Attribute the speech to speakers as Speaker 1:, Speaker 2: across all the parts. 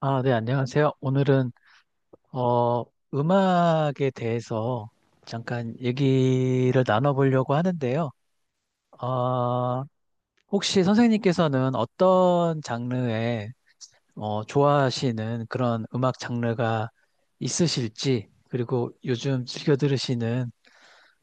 Speaker 1: 아, 네, 안녕하세요. 오늘은, 어, 음악에 대해서 잠깐 얘기를 나눠보려고 하는데요. 어, 혹시 선생님께서는 어떤 장르에, 좋아하시는 그런 음악 장르가 있으실지, 그리고 요즘 즐겨 들으시는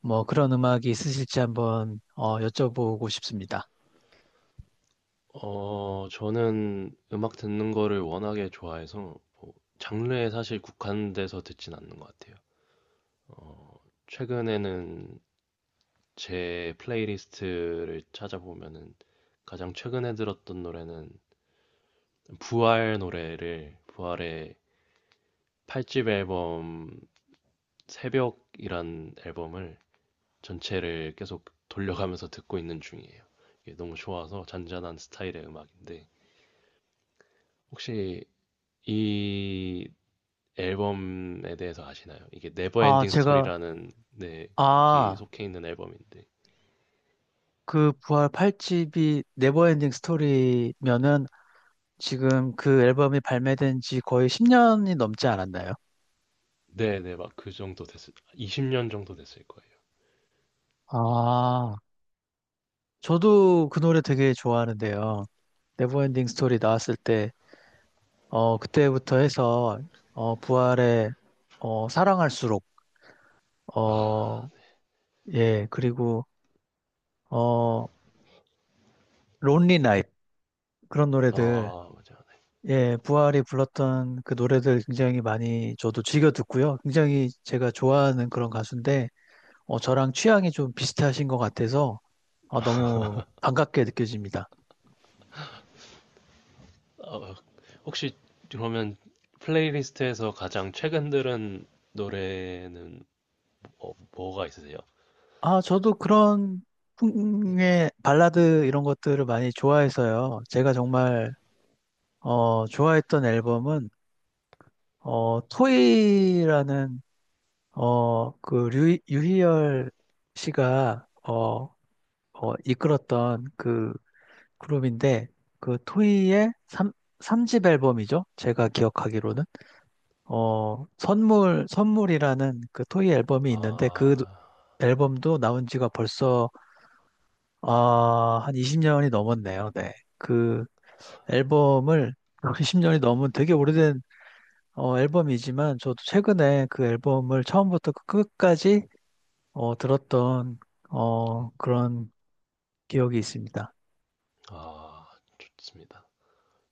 Speaker 1: 뭐 그런 음악이 있으실지 한번, 여쭤보고 싶습니다.
Speaker 2: 저는 음악 듣는 거를 워낙에 좋아해서 장르에 사실 국한돼서 듣진 않는 것 같아요. 최근에는 제 플레이리스트를 찾아보면은 가장 최근에 들었던 노래는 부활의 8집 앨범 새벽이란 앨범을 전체를 계속 돌려가면서 듣고 있는 중이에요. 이게 너무 좋아서 잔잔한 스타일의 음악인데 혹시 이 앨범에 대해서 아시나요? 이게
Speaker 1: 아,
Speaker 2: 네버엔딩
Speaker 1: 제가,
Speaker 2: 스토리라는 네 곡이
Speaker 1: 아,
Speaker 2: 속해 있는 앨범인데
Speaker 1: 그 부활 8집이 네버엔딩 스토리면은 지금 그 앨범이 발매된 지 거의 10년이 넘지 않았나요?
Speaker 2: 네네, 막 그 정도 됐을 20년 정도 됐을 거예요.
Speaker 1: 아, 저도 그 노래 되게 좋아하는데요. 네버엔딩 스토리 나왔을 때, 그때부터 해서, 부활의, 사랑할수록,
Speaker 2: 아,
Speaker 1: 어, 예, 그리고, 어, 론리 나잇, 그런 노래들,
Speaker 2: 아 맞아.
Speaker 1: 예, 부활이 불렀던 그 노래들 굉장히 많이 저도 즐겨 듣고요. 굉장히 제가 좋아하는 그런 가수인데, 저랑 취향이 좀 비슷하신 것 같아서, 아, 너무 반갑게 느껴집니다.
Speaker 2: 아, 혹시 그러면 플레이리스트에서 가장 최근 들은 노래는 뭐가 있으세요?
Speaker 1: 아, 저도 그런
Speaker 2: 네.
Speaker 1: 풍의 발라드 이런 것들을 많이 좋아해서요. 제가 정말 좋아했던 앨범은 토이라는 유희열 씨가 이끌었던 그 그룹인데 그 토이의 삼삼집 앨범이죠. 제가 기억하기로는 선물이라는 그 토이 앨범이 있는데 그
Speaker 2: 아, 네.
Speaker 1: 앨범도 나온 지가 벌써 아, 한 20년이 넘었네요. 네. 그 앨범을 20년이 넘은 되게 오래된 앨범이지만 저도 최근에 그 앨범을 처음부터 그 끝까지 들었던 그런 기억이 있습니다.
Speaker 2: 아 좋습니다.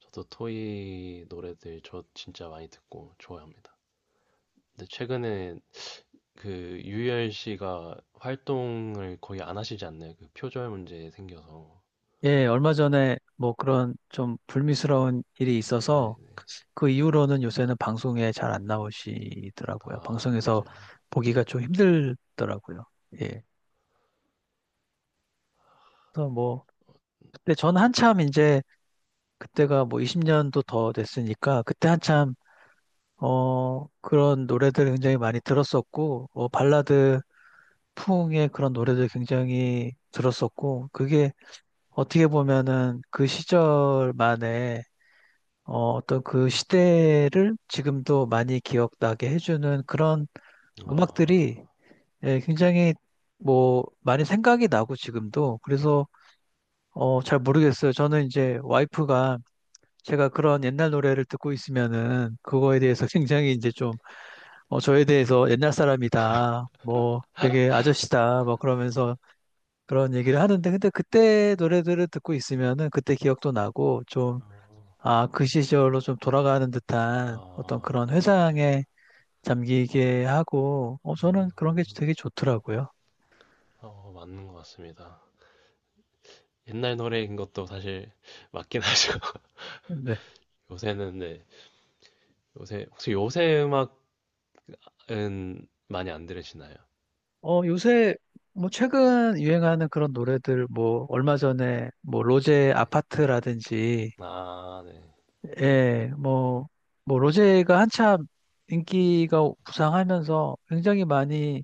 Speaker 2: 저도 토이 노래들 저 진짜 많이 듣고 좋아합니다. 근데 최근에 그 유열 씨가 활동을 거의 안 하시지 않나요? 그 표절 문제 생겨서.
Speaker 1: 예, 얼마 전에 뭐 그런 좀 불미스러운 일이
Speaker 2: 네,
Speaker 1: 있어서
Speaker 2: 네.
Speaker 1: 그 이후로는 요새는 방송에 잘 안 나오시더라고요.
Speaker 2: 아,
Speaker 1: 방송에서
Speaker 2: 맞아요.
Speaker 1: 보기가 좀 힘들더라고요. 예. 그래서 뭐 그때 전 한참 이제 그때가 뭐 20년도 더 됐으니까 그때 한참 그런 노래들 굉장히 많이 들었었고 발라드 풍의 그런 노래들 굉장히 들었었고 그게 어떻게 보면은 그 시절만의 어떤 그 시대를 지금도 많이 기억나게 해주는 그런
Speaker 2: 아,
Speaker 1: 음악들이 예, 굉장히 뭐 많이 생각이 나고 지금도 그래서 잘 모르겠어요. 저는 이제 와이프가 제가 그런 옛날 노래를 듣고 있으면은 그거에 대해서 굉장히 이제 좀 저에 대해서 옛날 사람이다, 뭐 되게 아저씨다, 뭐 그러면서 그런 얘기를 하는데 근데 그때 노래들을 듣고 있으면은 그때 기억도 나고 좀
Speaker 2: 어,
Speaker 1: 아, 그 시절로 좀 돌아가는 듯한 어떤 그런
Speaker 2: 아, 맞아요.
Speaker 1: 회상에 잠기게 하고
Speaker 2: 아,
Speaker 1: 저는 그런 게 되게 좋더라고요.
Speaker 2: 맞는 것 같습니다. 옛날 노래인 것도 사실 맞긴 하죠.
Speaker 1: 네.
Speaker 2: 요새는 네. 요새 혹시 요새 음악은 많이 안 들으시나요?
Speaker 1: 요새 뭐 최근 유행하는 그런 노래들 뭐 얼마 전에 뭐 로제 아파트라든지
Speaker 2: 아, 네.
Speaker 1: 예, 뭐, 뭐, 로제가 한참 인기가 부상하면서 굉장히 많이,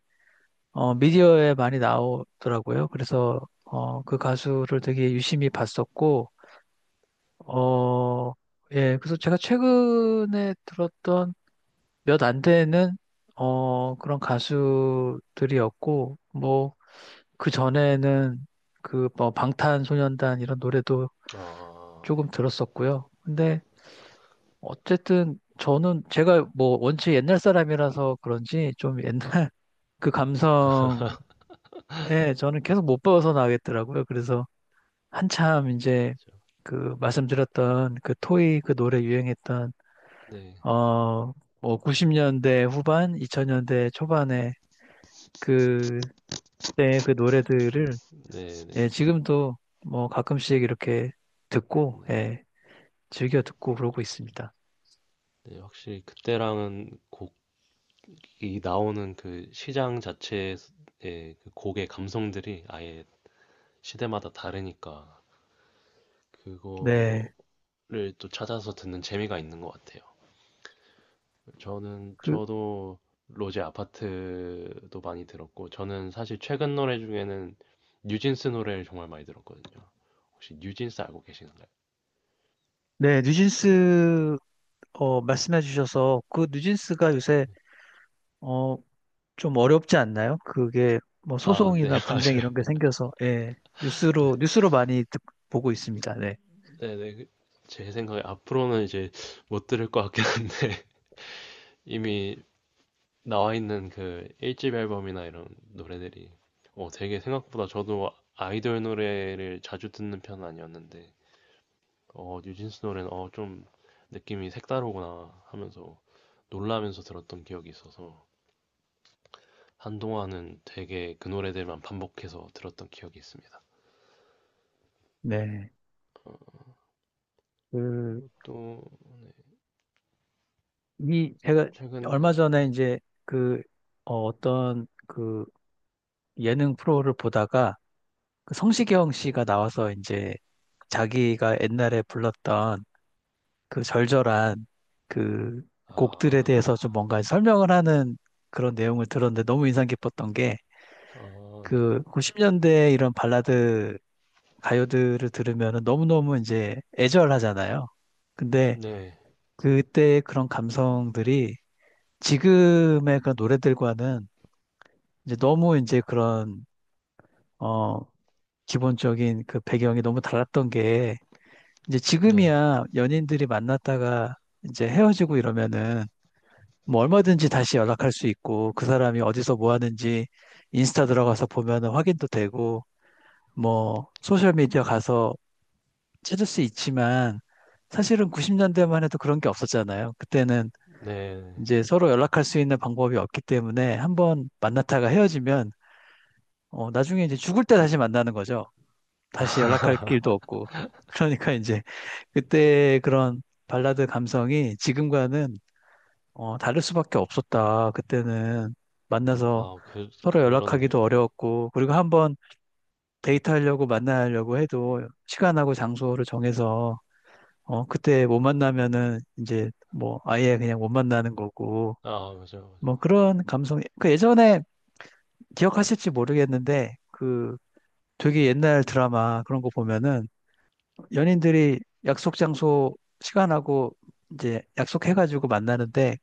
Speaker 1: 미디어에 많이 나오더라고요. 그래서, 그 가수를 되게 유심히 봤었고, 어, 예, 그래서 제가 최근에 들었던 몇 안 되는, 그런 가수들이었고, 뭐, 그 전에는 그, 뭐, 방탄소년단 이런 노래도
Speaker 2: 아,
Speaker 1: 조금
Speaker 2: 네.
Speaker 1: 들었었고요. 근데 어쨌든 저는 제가 뭐 원체 옛날 사람이라서 그런지 좀 옛날 그 감성에 저는 계속 못 벗어나겠더라고요. 그래서 한참 이제 그 말씀드렸던 그 토이 그 노래 유행했던
Speaker 2: 네,
Speaker 1: 어 뭐 90년대 후반, 2000년대 초반에 그때 그 노래들을
Speaker 2: 네, 네.
Speaker 1: 예, 지금도 뭐 가끔씩 이렇게 듣고 예, 즐겨 듣고 그러고 있습니다.
Speaker 2: 네, 확실히 그때랑은 곡 이 나오는 그 시장 자체의 그 곡의 감성들이 아예 시대마다 다르니까
Speaker 1: 네.
Speaker 2: 그거를 또 찾아서 듣는 재미가 있는 것 같아요. 저는
Speaker 1: 그
Speaker 2: 저도 로제 아파트도 많이 들었고 저는 사실 최근 노래 중에는 뉴진스 노래를 정말 많이 들었거든요. 혹시 뉴진스 알고 계시는가요?
Speaker 1: 네, 뉴진스 말씀해 주셔서 그 누진스가 요새 어, 좀 어렵지 않나요? 그게 뭐
Speaker 2: 아, 네,
Speaker 1: 소송이나 분쟁
Speaker 2: 맞아요.
Speaker 1: 이런 게 생겨서 예, 뉴스로 많이 보고 있습니다. 네.
Speaker 2: 네, 네. 그- 제 생각에 앞으로는 이제 못 들을 것 같긴 한데 이미 나와 있는 그 1집 앨범이나 이런 노래들이 되게 생각보다 저도 아이돌 노래를 자주 듣는 편은 아니었는데 뉴진스 노래는 좀 느낌이 색다르구나 하면서 놀라면서 들었던 기억이 있어서 한동안은 되게 그 노래들만 반복해서 들었던 기억이 있습니다.
Speaker 1: 네. 그,
Speaker 2: 또
Speaker 1: 제가
Speaker 2: 최근
Speaker 1: 얼마 전에 이제 그, 어떤 그 예능 프로를 보다가 그 성시경
Speaker 2: 네.
Speaker 1: 씨가 나와서 이제 자기가 옛날에 불렀던 그 절절한 그 곡들에
Speaker 2: 아,
Speaker 1: 대해서 좀 뭔가 설명을 하는 그런 내용을 들었는데 너무 인상 깊었던 게
Speaker 2: 아, 네.
Speaker 1: 그 90년대 이런 발라드 가요들을 들으면 너무너무 이제 애절하잖아요. 근데
Speaker 2: 네.
Speaker 1: 그때 그런 감성들이 지금의 그 노래들과는 이제 너무 이제 그런 어 기본적인 그 배경이 너무 달랐던 게 이제
Speaker 2: 네.
Speaker 1: 지금이야 연인들이 만났다가 이제 헤어지고 이러면은 뭐 얼마든지 다시 연락할 수 있고 그 사람이 어디서 뭐 하는지 인스타 들어가서 보면은 확인도 되고 뭐 소셜미디어 가서 찾을 수 있지만 사실은 90년대만 해도 그런 게 없었잖아요. 그때는
Speaker 2: 네.
Speaker 1: 이제 서로 연락할 수 있는 방법이 없기 때문에 한번 만났다가 헤어지면 나중에 이제 죽을 때 다시 만나는 거죠. 다시 연락할 길도 없고. 그러니까 이제 그때 그런 발라드 감성이 지금과는 다를 수밖에 없었다. 그때는 만나서
Speaker 2: 아, 그
Speaker 1: 서로
Speaker 2: 그렇네요.
Speaker 1: 연락하기도
Speaker 2: 네.
Speaker 1: 어려웠고, 그리고 한번 데이트하려고 만나려고 해도 시간하고 장소를 정해서 그때 못 만나면은 이제 뭐 아예 그냥 못 만나는 거고,
Speaker 2: 아, 맞아요. 맞아요.
Speaker 1: 뭐 그런 감성이 그 예전에 기억하실지 모르겠는데 그 되게 옛날 드라마 그런 거 보면은 연인들이 약속 장소 시간하고 이제 약속해가지고 만나는데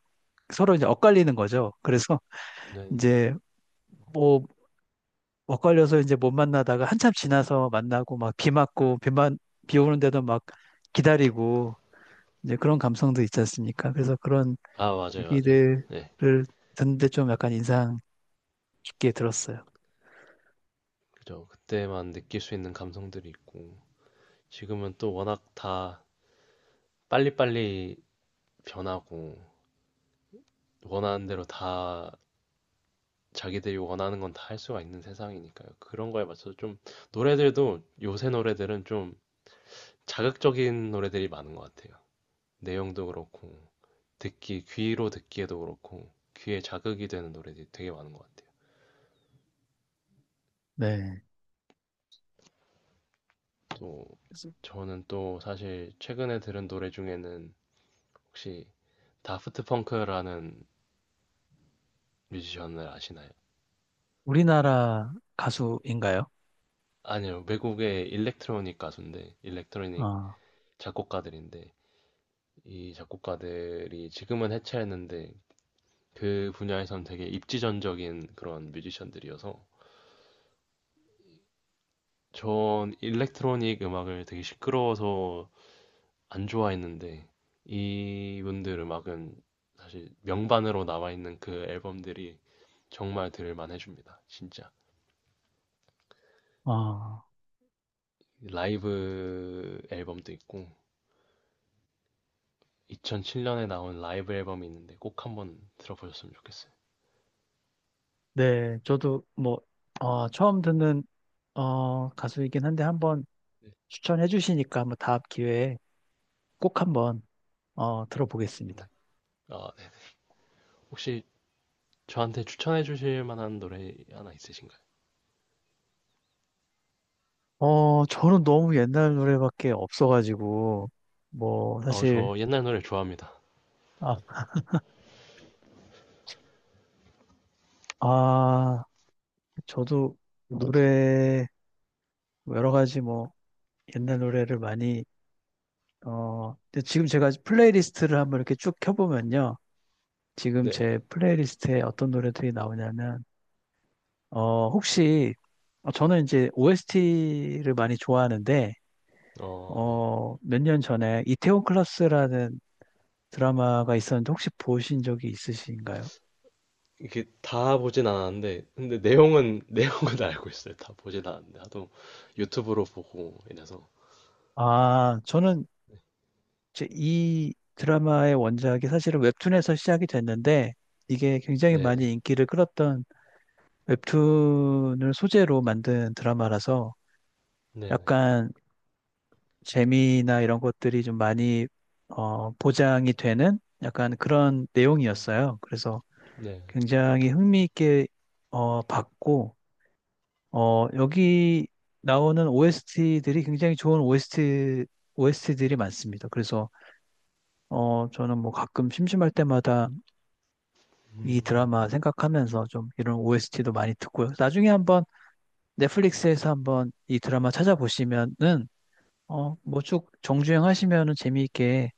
Speaker 1: 서로 이제 엇갈리는 거죠. 그래서
Speaker 2: 네.
Speaker 1: 이제 뭐 엇갈려서 이제 못 만나다가 한참 지나서 만나고 막 비 맞고 비만 비 오는데도 막 기다리고 이제 그런 감성도 있지 않습니까? 그래서 그런
Speaker 2: 아, 맞아요, 맞아요.
Speaker 1: 얘기들을
Speaker 2: 네,
Speaker 1: 듣는데 좀 약간 인상 깊게 들었어요.
Speaker 2: 그죠. 그때만 느낄 수 있는 감성들이 있고, 지금은 또 워낙 다 빨리빨리 변하고, 원하는 대로 다 자기들이 원하는 건 다 할 수가 있는 세상이니까요. 그런 거에 맞춰서 좀, 노래들도 요새 노래들은 좀 자극적인 노래들이 많은 것 같아요. 내용도 그렇고, 듣기, 귀로 듣기에도 그렇고, 귀에 자극이 되는 노래들이 되게 많은 것 같아요.
Speaker 1: 네.
Speaker 2: 또,
Speaker 1: 그래서
Speaker 2: 저는 또 사실 최근에 들은 노래 중에는 혹시 다프트 펑크라는 뮤지션을 아시나요?
Speaker 1: 우리나라 가수인가요?
Speaker 2: 아니요, 외국의 일렉트로닉 가수인데, 일렉트로닉
Speaker 1: 아,
Speaker 2: 작곡가들인데, 이 작곡가들이 지금은 해체했는데, 그 분야에선 되게 입지전적인 그런 뮤지션들이어서, 전 일렉트로닉 음악을 되게 시끄러워서 안 좋아했는데, 이분들 음악은 사실 명반으로 나와 있는 그 앨범들이 정말 들을만 해줍니다, 진짜.
Speaker 1: 아.
Speaker 2: 라이브 앨범도 있고, 2007년에 나온 라이브 앨범이 있는데 꼭 한번 들어보셨으면 좋겠어요.
Speaker 1: 네, 저도 뭐, 처음 듣는, 가수이긴 한데 한번 추천해 주시니까 한번 다음 기회에 꼭 한번, 들어보겠습니다.
Speaker 2: 아, 네. 혹시 저한테 추천해 주실 만한 노래 하나 있으신가요?
Speaker 1: 저는 너무 옛날 노래밖에 없어가지고, 뭐,
Speaker 2: 아,
Speaker 1: 사실,
Speaker 2: 저 옛날 노래 좋아합니다.
Speaker 1: 아, 아, 저도 노래, 뭐 여러 가지 뭐, 옛날 노래를 많이, 근데 지금 제가 플레이리스트를 한번 이렇게 쭉 켜보면요. 지금
Speaker 2: 네.
Speaker 1: 제 플레이리스트에 어떤 노래들이 나오냐면, 어, 혹시 저는 이제 OST를 많이 좋아하는데,
Speaker 2: 어, 네.
Speaker 1: 몇 년 전에 이태원 클라스라는 드라마가 있었는데 혹시 보신 적이 있으신가요?
Speaker 2: 이게 다 보진 않았는데, 근데 내용은, 내용은 알고 있어요. 다 보진 않았는데, 하도 유튜브로 보고 이래서.
Speaker 1: 아, 저는 이제 이 드라마의 원작이 사실은 웹툰에서 시작이 됐는데, 이게 굉장히
Speaker 2: 네네.
Speaker 1: 많이 인기를 끌었던 웹툰을 소재로 만든 드라마라서
Speaker 2: 네네.
Speaker 1: 약간 재미나 이런 것들이 좀 많이 보장이 되는 약간 그런
Speaker 2: 음,
Speaker 1: 내용이었어요. 그래서
Speaker 2: 네.
Speaker 1: 굉장히 흥미있게 봤고 여기 나오는 OST들이 굉장히 좋은 OST들이 많습니다. 그래서 저는 뭐 가끔 심심할 때마다 이
Speaker 2: 음,
Speaker 1: 드라마 생각하면서 좀 이런 OST도 많이 듣고요. 나중에 한번 넷플릭스에서 한번 이 드라마 찾아보시면은 뭐 쭉 정주행 하시면은 재미있게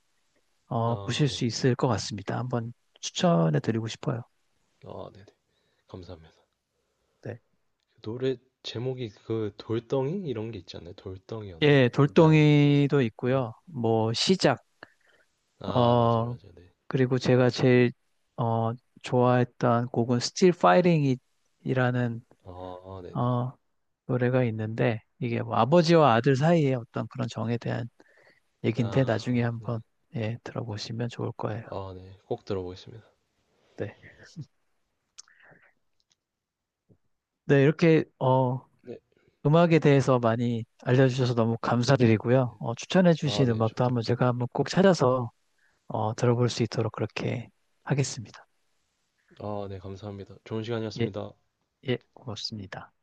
Speaker 1: 보실
Speaker 2: 아, 네.
Speaker 1: 수 있을 것 같습니다. 한번 추천해 드리고 싶어요.
Speaker 2: 아, 네네. 감사합니다.
Speaker 1: 네.
Speaker 2: 노래 제목이 그 돌덩이? 이런 게 있지 않나요? 돌덩이였나?
Speaker 1: 예,
Speaker 2: 날,
Speaker 1: 돌덩이도
Speaker 2: 네.
Speaker 1: 있고요. 뭐 시작
Speaker 2: 아 맞아요
Speaker 1: 어,
Speaker 2: 맞아요 네.
Speaker 1: 그리고 제가 제일 어, 좋아했던 곡은 Still Fighting이라는
Speaker 2: 어 어, 네네.
Speaker 1: 어, 노래가 있는데 이게 뭐 아버지와 아들 사이의 어떤 그런 정에 대한 얘긴데 나중에
Speaker 2: 아 네.
Speaker 1: 한번 예, 들어보시면 좋을 거예요.
Speaker 2: 아 네. 꼭 들어보겠습니다.
Speaker 1: 네. 네, 이렇게
Speaker 2: 네.
Speaker 1: 음악에 대해서 많이 알려주셔서 너무 감사드리고요.
Speaker 2: 네. 아
Speaker 1: 추천해주신
Speaker 2: 네.
Speaker 1: 음악도
Speaker 2: 저도요.
Speaker 1: 한번
Speaker 2: 네.
Speaker 1: 제가 한번 꼭 찾아서 들어볼 수 있도록 그렇게 하겠습니다.
Speaker 2: 아 네. 감사합니다. 좋은
Speaker 1: 예,
Speaker 2: 시간이었습니다.
Speaker 1: 예, 고맙습니다.